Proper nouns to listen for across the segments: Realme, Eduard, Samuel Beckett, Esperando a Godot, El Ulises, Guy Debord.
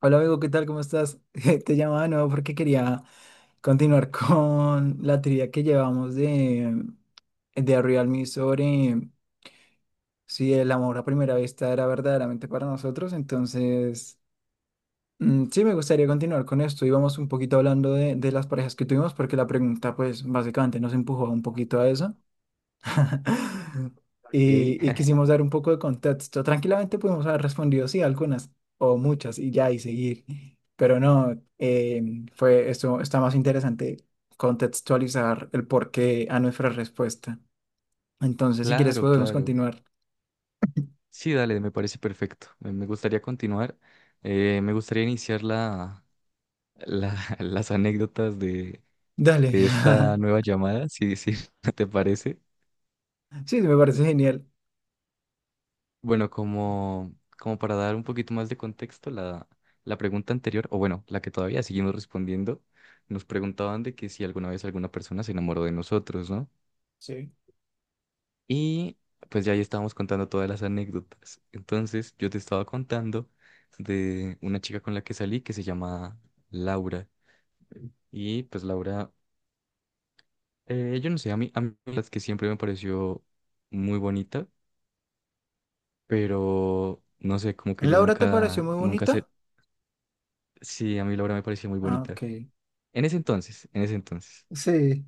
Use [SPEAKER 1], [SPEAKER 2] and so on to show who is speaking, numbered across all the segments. [SPEAKER 1] Hola amigo, ¿qué tal? ¿Cómo estás? Te llamaba de nuevo porque quería continuar con la teoría que llevamos de Realme sobre si el amor a primera vista era verdaderamente para nosotros. Entonces, mm, sí, me gustaría continuar con esto. Íbamos un poquito hablando de las parejas que tuvimos porque la pregunta, pues, básicamente nos empujó un poquito a eso.
[SPEAKER 2] Ok,
[SPEAKER 1] Y quisimos dar un poco de contexto. Tranquilamente pudimos haber respondido sí, algunas o muchas y ya y seguir. Pero no, fue esto, está más interesante contextualizar el porqué a nuestra respuesta. Entonces, si quieres,
[SPEAKER 2] Claro,
[SPEAKER 1] podemos
[SPEAKER 2] claro.
[SPEAKER 1] continuar.
[SPEAKER 2] Sí, dale, me parece perfecto. Me gustaría continuar. Me gustaría iniciar la, las anécdotas de,
[SPEAKER 1] Dale.
[SPEAKER 2] de esta nueva llamada, si te parece.
[SPEAKER 1] Sí, me parece genial.
[SPEAKER 2] Bueno, como para dar un poquito más de contexto, la pregunta anterior, o bueno, la que todavía seguimos respondiendo, nos preguntaban de que si alguna vez alguna persona se enamoró de nosotros, ¿no?
[SPEAKER 1] Sí.
[SPEAKER 2] Y pues ya ahí estábamos contando todas las anécdotas. Entonces yo te estaba contando de una chica con la que salí que se llama Laura. Y pues Laura, yo no sé, a mí, las que siempre me pareció muy bonita, pero no sé, como que
[SPEAKER 1] la
[SPEAKER 2] yo
[SPEAKER 1] ¿Laura te pareció
[SPEAKER 2] nunca,
[SPEAKER 1] muy
[SPEAKER 2] nunca sé.
[SPEAKER 1] bonita?
[SPEAKER 2] Sí, a mí Laura me parecía muy
[SPEAKER 1] Ah,
[SPEAKER 2] bonita.
[SPEAKER 1] ok.
[SPEAKER 2] En ese entonces,
[SPEAKER 1] Sí,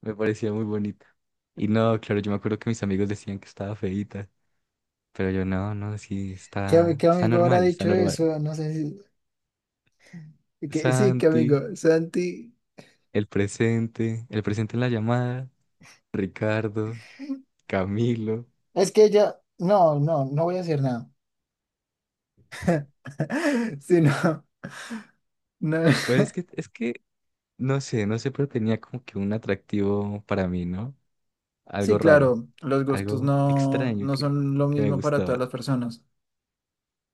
[SPEAKER 2] me parecía muy bonita. Y no, claro, yo me acuerdo que mis amigos decían que estaba feíta, pero yo no, no, sí,
[SPEAKER 1] ¿qué, ami-
[SPEAKER 2] está,
[SPEAKER 1] qué
[SPEAKER 2] está
[SPEAKER 1] amigo habrá
[SPEAKER 2] normal, está
[SPEAKER 1] dicho
[SPEAKER 2] normal.
[SPEAKER 1] eso? No sé si... Que, sí, qué
[SPEAKER 2] Santi,
[SPEAKER 1] amigo. Santi.
[SPEAKER 2] el presente en la llamada, Ricardo, Camilo.
[SPEAKER 1] Es que ella, no, no, no voy a decir nada. Sí, no, no.
[SPEAKER 2] Pues es que, no sé, pero tenía como que un atractivo para mí, ¿no? Algo
[SPEAKER 1] Sí,
[SPEAKER 2] raro,
[SPEAKER 1] claro, los gustos
[SPEAKER 2] algo
[SPEAKER 1] no,
[SPEAKER 2] extraño
[SPEAKER 1] no
[SPEAKER 2] que,
[SPEAKER 1] son lo
[SPEAKER 2] que me
[SPEAKER 1] mismo para todas
[SPEAKER 2] gustaba.
[SPEAKER 1] las personas.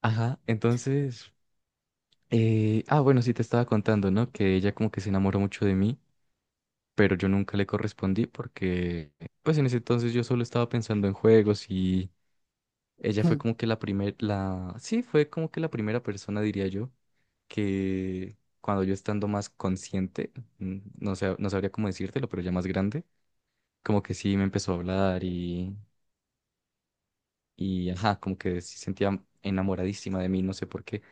[SPEAKER 2] Ajá, entonces, bueno, sí te estaba contando, ¿no? Que ella como que se enamoró mucho de mí, pero yo nunca le correspondí porque, pues en ese entonces yo solo estaba pensando en juegos y ella fue como que la primera, sí, fue como que la primera persona, diría yo, que cuando yo estando más consciente, no sé, no sabría cómo decírtelo, pero ya más grande, como que sí me empezó a hablar y ajá, como que sí sentía enamoradísima de mí, no sé por qué.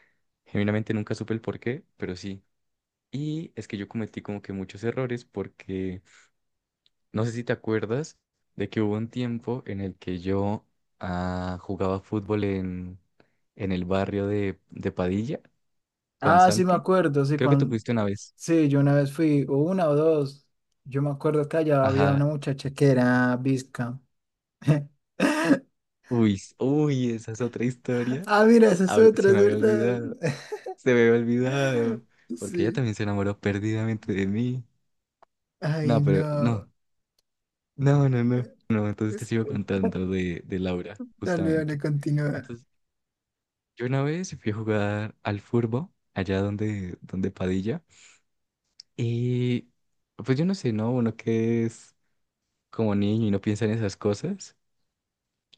[SPEAKER 2] Genuinamente nunca supe el por qué, pero sí. Y es que yo cometí como que muchos errores porque no sé si te acuerdas de que hubo un tiempo en el que yo jugaba fútbol en el barrio de Padilla con
[SPEAKER 1] Ah, sí, me
[SPEAKER 2] Santi.
[SPEAKER 1] acuerdo, sí,
[SPEAKER 2] Creo que tú
[SPEAKER 1] cuando,
[SPEAKER 2] fuiste una vez.
[SPEAKER 1] sí, yo una vez fui, o una o dos, yo me acuerdo que allá había
[SPEAKER 2] Ajá.
[SPEAKER 1] una muchacha que era bizca.
[SPEAKER 2] Uy, uy, esa es otra historia.
[SPEAKER 1] Ah, mira, esa es otra,
[SPEAKER 2] Se
[SPEAKER 1] es
[SPEAKER 2] me había
[SPEAKER 1] verdad.
[SPEAKER 2] olvidado. Se me había olvidado. Porque ella
[SPEAKER 1] Sí.
[SPEAKER 2] también se enamoró perdidamente de mí.
[SPEAKER 1] Ay,
[SPEAKER 2] No, pero
[SPEAKER 1] no.
[SPEAKER 2] no. No, no, no. No, entonces te
[SPEAKER 1] Es-
[SPEAKER 2] sigo contando de Laura,
[SPEAKER 1] Dale, dale,
[SPEAKER 2] justamente.
[SPEAKER 1] continúa.
[SPEAKER 2] Yo una vez fui a jugar al furbo, allá donde Padilla, y pues yo no sé, ¿no? Uno que es como niño y no piensa en esas cosas,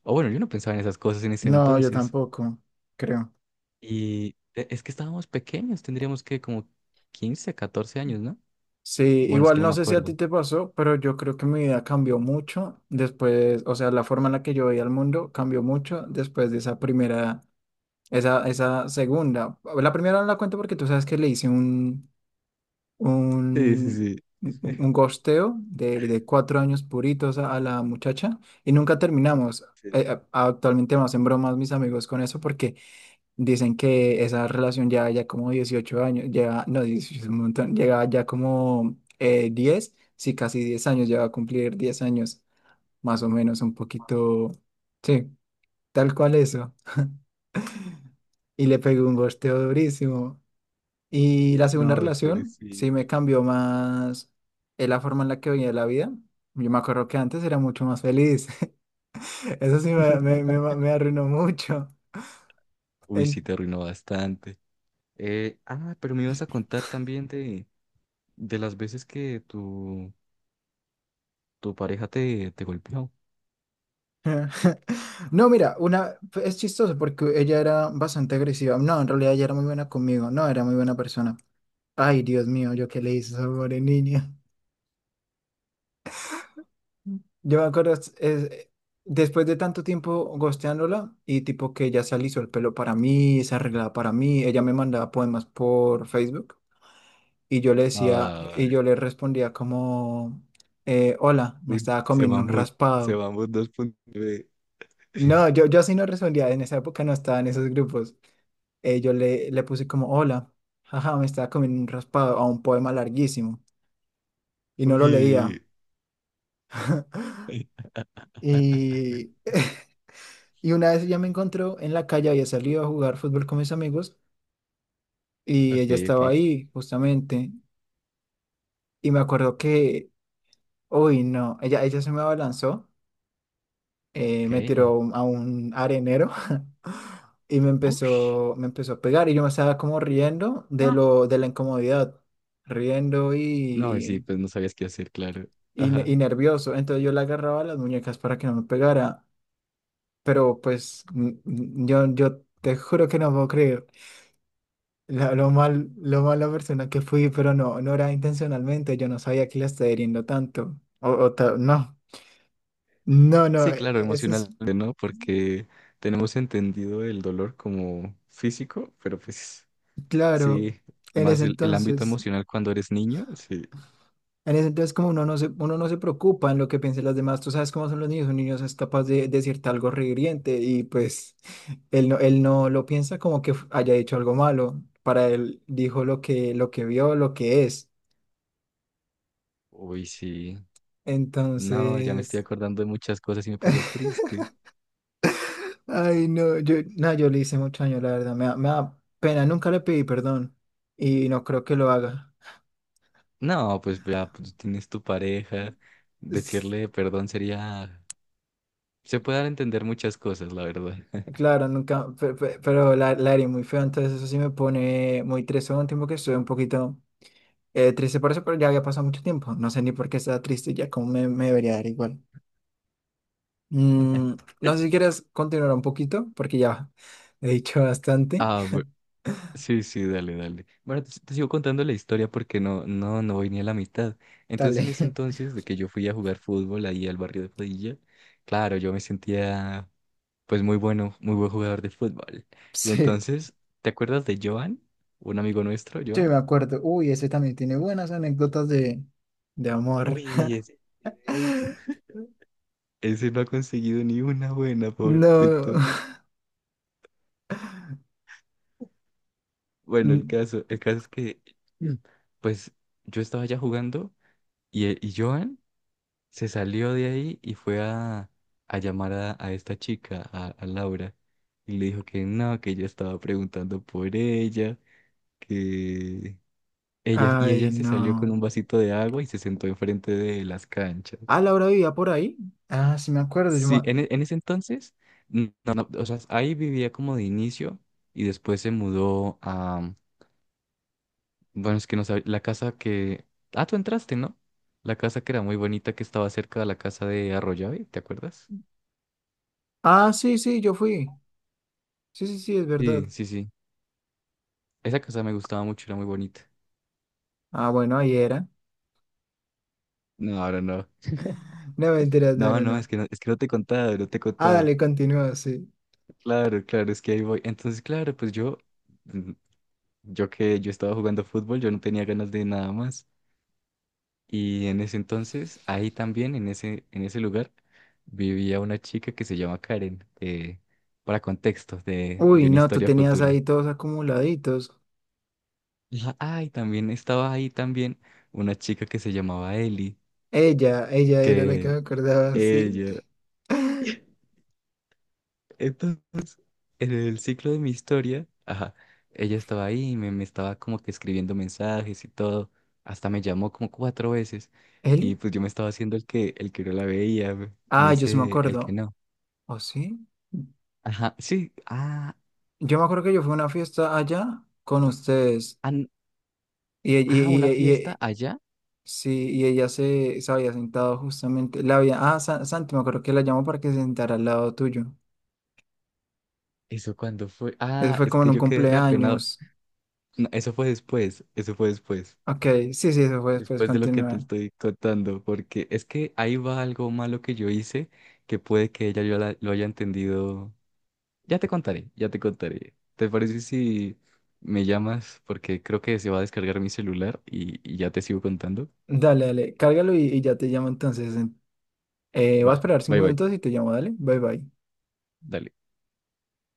[SPEAKER 2] o bueno, yo no pensaba en esas cosas en ese
[SPEAKER 1] No, yo
[SPEAKER 2] entonces,
[SPEAKER 1] tampoco, creo.
[SPEAKER 2] y es que estábamos pequeños, tendríamos que como 15 14 años, ¿no?
[SPEAKER 1] Sí,
[SPEAKER 2] Bueno, es que
[SPEAKER 1] igual
[SPEAKER 2] no
[SPEAKER 1] no
[SPEAKER 2] me
[SPEAKER 1] sé si a ti
[SPEAKER 2] acuerdo.
[SPEAKER 1] te pasó, pero yo creo que mi vida cambió mucho después, o sea, la forma en la que yo veía el mundo cambió mucho después de esa primera, esa segunda. La primera no la cuento porque tú sabes que le hice
[SPEAKER 2] Sí, sí,
[SPEAKER 1] un,
[SPEAKER 2] sí.
[SPEAKER 1] un gosteo de 4 años puritos a la muchacha y nunca terminamos.
[SPEAKER 2] Sí.
[SPEAKER 1] Actualmente me hacen bromas mis amigos con eso porque dicen que esa relación ya, ya como 18 años, lleva, no, 18 es un montón, llegaba ya como 10, sí, casi 10 años, ya va a cumplir 10 años, más o menos, un poquito, sí, tal cual eso. Y le pegué un gosteo durísimo. Y la segunda
[SPEAKER 2] No,
[SPEAKER 1] relación, sí
[SPEAKER 2] pobrecito.
[SPEAKER 1] me cambió más la forma en la que veía la vida. Yo me acuerdo que antes era mucho más feliz, eso sí me, me, me me arruinó mucho.
[SPEAKER 2] Uy, sí, te arruinó bastante. Pero me ibas a contar también de las veces que tú tu pareja te golpeó.
[SPEAKER 1] No, mira, una es chistoso porque ella era bastante agresiva. No, en realidad ella era muy buena conmigo. No, era muy buena persona. Ay, Dios mío, yo qué le hice a esa pobre niña. Yo me acuerdo, después de tanto tiempo gosteándola y tipo que ella se alisó el pelo para mí, se arreglaba para mí, ella me mandaba poemas por Facebook y
[SPEAKER 2] Ay,
[SPEAKER 1] yo le respondía como, hola, me
[SPEAKER 2] uy,
[SPEAKER 1] estaba comiendo un
[SPEAKER 2] se
[SPEAKER 1] raspado.
[SPEAKER 2] mamut 2,9.
[SPEAKER 1] No, yo así no respondía, en esa época no estaba en esos grupos. Yo le puse como, hola, jaja, me estaba comiendo un raspado a un poema larguísimo y no lo leía.
[SPEAKER 2] Uy. Ok,
[SPEAKER 1] Y, y una vez ella me encontró en la calle, había salido a jugar fútbol con mis amigos y ella
[SPEAKER 2] ok,
[SPEAKER 1] estaba ahí justamente. Y me acuerdo que, uy, no, ella se me abalanzó, me
[SPEAKER 2] ok.
[SPEAKER 1] tiró a un arenero y me
[SPEAKER 2] Ush.
[SPEAKER 1] empezó, me empezó a pegar y yo me estaba como riendo de
[SPEAKER 2] Ah.
[SPEAKER 1] de la incomodidad, riendo
[SPEAKER 2] No, sí, pues no sabías qué hacer, claro. Ajá.
[SPEAKER 1] y nervioso. Entonces yo le agarraba las muñecas para que no me pegara. Pero pues yo te juro que no puedo creer lo mala persona que fui, pero no, no era intencionalmente. Yo no sabía que la estaba hiriendo tanto. No, no, no,
[SPEAKER 2] Sí, claro,
[SPEAKER 1] eso es
[SPEAKER 2] emocionalmente, ¿no? Porque tenemos entendido el dolor como físico, pero pues
[SPEAKER 1] claro.
[SPEAKER 2] sí,
[SPEAKER 1] En
[SPEAKER 2] más
[SPEAKER 1] ese
[SPEAKER 2] el ámbito
[SPEAKER 1] entonces.
[SPEAKER 2] emocional cuando eres niño, sí.
[SPEAKER 1] En ese entonces como uno no se preocupa en lo que piensen los demás, tú sabes cómo son los niños, un niño es capaz de decirte algo rehiriente y pues él no lo piensa como que haya hecho algo malo, para él dijo lo que vio, lo que es.
[SPEAKER 2] Uy, sí. No, ya me estoy
[SPEAKER 1] Entonces,
[SPEAKER 2] acordando de muchas cosas y me pongo triste.
[SPEAKER 1] ay no, no, yo le hice mucho daño, la verdad, me da pena, nunca le pedí perdón y no creo que lo haga.
[SPEAKER 2] No, pues ya pues, tienes tu pareja.
[SPEAKER 1] Es-
[SPEAKER 2] Decirle perdón sería. Se puede dar a entender muchas cosas, la verdad.
[SPEAKER 1] Claro, nunca, pero, la herida muy fea. Entonces eso sí me pone muy triste. Hubo un tiempo que estuve un poquito triste por eso, pero ya había pasado mucho tiempo. No sé ni por qué estaba triste, ya como me debería dar igual. Mm, no sé si quieres continuar un poquito, porque ya he dicho bastante.
[SPEAKER 2] Ah, sí, sí, dale, dale. Bueno, te sigo contando la historia porque no, no, no voy ni a la mitad. Entonces,
[SPEAKER 1] Dale.
[SPEAKER 2] en ese entonces de que yo fui a jugar fútbol ahí al barrio de Padilla, claro, yo me sentía pues muy bueno, muy buen jugador de fútbol. Y
[SPEAKER 1] Sí,
[SPEAKER 2] entonces, ¿te acuerdas de Joan? Un amigo nuestro,
[SPEAKER 1] yo me
[SPEAKER 2] Joan.
[SPEAKER 1] acuerdo. Uy, ese también tiene buenas anécdotas de amor.
[SPEAKER 2] Uy, ese, ese no ha conseguido ni una buena,
[SPEAKER 1] No.
[SPEAKER 2] pobrecito. Bueno, el
[SPEAKER 1] Mm,
[SPEAKER 2] caso, el caso es que, Mm. pues, yo estaba ya jugando y Joan se salió de ahí y fue a llamar a esta chica, a Laura, y le dijo que no, que yo estaba preguntando por ella, que y
[SPEAKER 1] ay,
[SPEAKER 2] ella se salió con
[SPEAKER 1] no.
[SPEAKER 2] un vasito de agua y se sentó enfrente de las
[SPEAKER 1] Ah,
[SPEAKER 2] canchas.
[SPEAKER 1] Laura vivía por ahí. Ah, sí, me acuerdo. Yo
[SPEAKER 2] Sí,
[SPEAKER 1] ma-
[SPEAKER 2] en ese entonces, no, no, o sea, ahí vivía como de inicio y después se mudó. Bueno, es que no sabía. La casa que. Ah, tú entraste, ¿no? La casa que era muy bonita que estaba cerca de la casa de Arroyave, ¿te acuerdas?
[SPEAKER 1] Ah, sí, sí, yo fui. Sí, sí, sí, es verdad.
[SPEAKER 2] Sí, sí, sí. Esa casa me gustaba mucho, era muy bonita.
[SPEAKER 1] Ah, bueno, ahí era.
[SPEAKER 2] No, ahora no.
[SPEAKER 1] No, mentiras, no,
[SPEAKER 2] No,
[SPEAKER 1] no,
[SPEAKER 2] no,
[SPEAKER 1] no.
[SPEAKER 2] es que no, es que no te he contado, no te he
[SPEAKER 1] Ah,
[SPEAKER 2] contado.
[SPEAKER 1] dale, continúa, sí.
[SPEAKER 2] Claro, claro, es que ahí voy. Entonces, claro, pues mm, yo que yo estaba jugando fútbol, yo no tenía ganas de nada más. Y en ese entonces, ahí también, en ese lugar, vivía una chica que se llama Karen, para contextos de
[SPEAKER 1] Uy,
[SPEAKER 2] una
[SPEAKER 1] no, tú
[SPEAKER 2] historia
[SPEAKER 1] tenías
[SPEAKER 2] futura.
[SPEAKER 1] ahí todos acumuladitos.
[SPEAKER 2] Ajá, Ah, y también estaba ahí también una chica que se llamaba Eli,
[SPEAKER 1] Ella era la que me
[SPEAKER 2] que
[SPEAKER 1] acordaba, sí.
[SPEAKER 2] ella. Entonces, en el ciclo de mi historia, ajá, ella estaba ahí y me estaba como que escribiendo mensajes y todo. Hasta me llamó como cuatro veces.
[SPEAKER 1] ¿Eli?
[SPEAKER 2] Y pues yo me estaba haciendo el que no la veía, me
[SPEAKER 1] Ah, yo sí me
[SPEAKER 2] hice el que
[SPEAKER 1] acuerdo.
[SPEAKER 2] no.
[SPEAKER 1] ¿O sí?
[SPEAKER 2] Ajá, sí,
[SPEAKER 1] Yo me acuerdo que yo fui a una fiesta allá con ustedes.
[SPEAKER 2] an-
[SPEAKER 1] Y, y, y,
[SPEAKER 2] una
[SPEAKER 1] y-
[SPEAKER 2] fiesta
[SPEAKER 1] y-
[SPEAKER 2] allá.
[SPEAKER 1] sí, y ella se había sentado justamente. La había, ah, Santi, me acuerdo que la llamó para que se sentara al lado tuyo.
[SPEAKER 2] ¿Eso cuando fue?
[SPEAKER 1] Eso
[SPEAKER 2] Ah,
[SPEAKER 1] fue
[SPEAKER 2] es
[SPEAKER 1] como en
[SPEAKER 2] que
[SPEAKER 1] un
[SPEAKER 2] yo quedé reapenado.
[SPEAKER 1] cumpleaños.
[SPEAKER 2] No, eso fue después, eso fue después.
[SPEAKER 1] Ok, sí, sí, eso fue después.
[SPEAKER 2] después de lo que te
[SPEAKER 1] Continúa.
[SPEAKER 2] estoy contando, porque es que ahí va algo malo que yo hice que puede que ella yo lo haya entendido. Ya te contaré, ya te contaré. ¿Te parece si me llamas? Porque creo que se va a descargar mi celular y ya te sigo contando.
[SPEAKER 1] Dale, dale, cárgalo y ya te llamo entonces. Voy a
[SPEAKER 2] Va,
[SPEAKER 1] esperar
[SPEAKER 2] bye
[SPEAKER 1] cinco
[SPEAKER 2] bye,
[SPEAKER 1] minutos y te llamo, dale. Bye bye.
[SPEAKER 2] dale.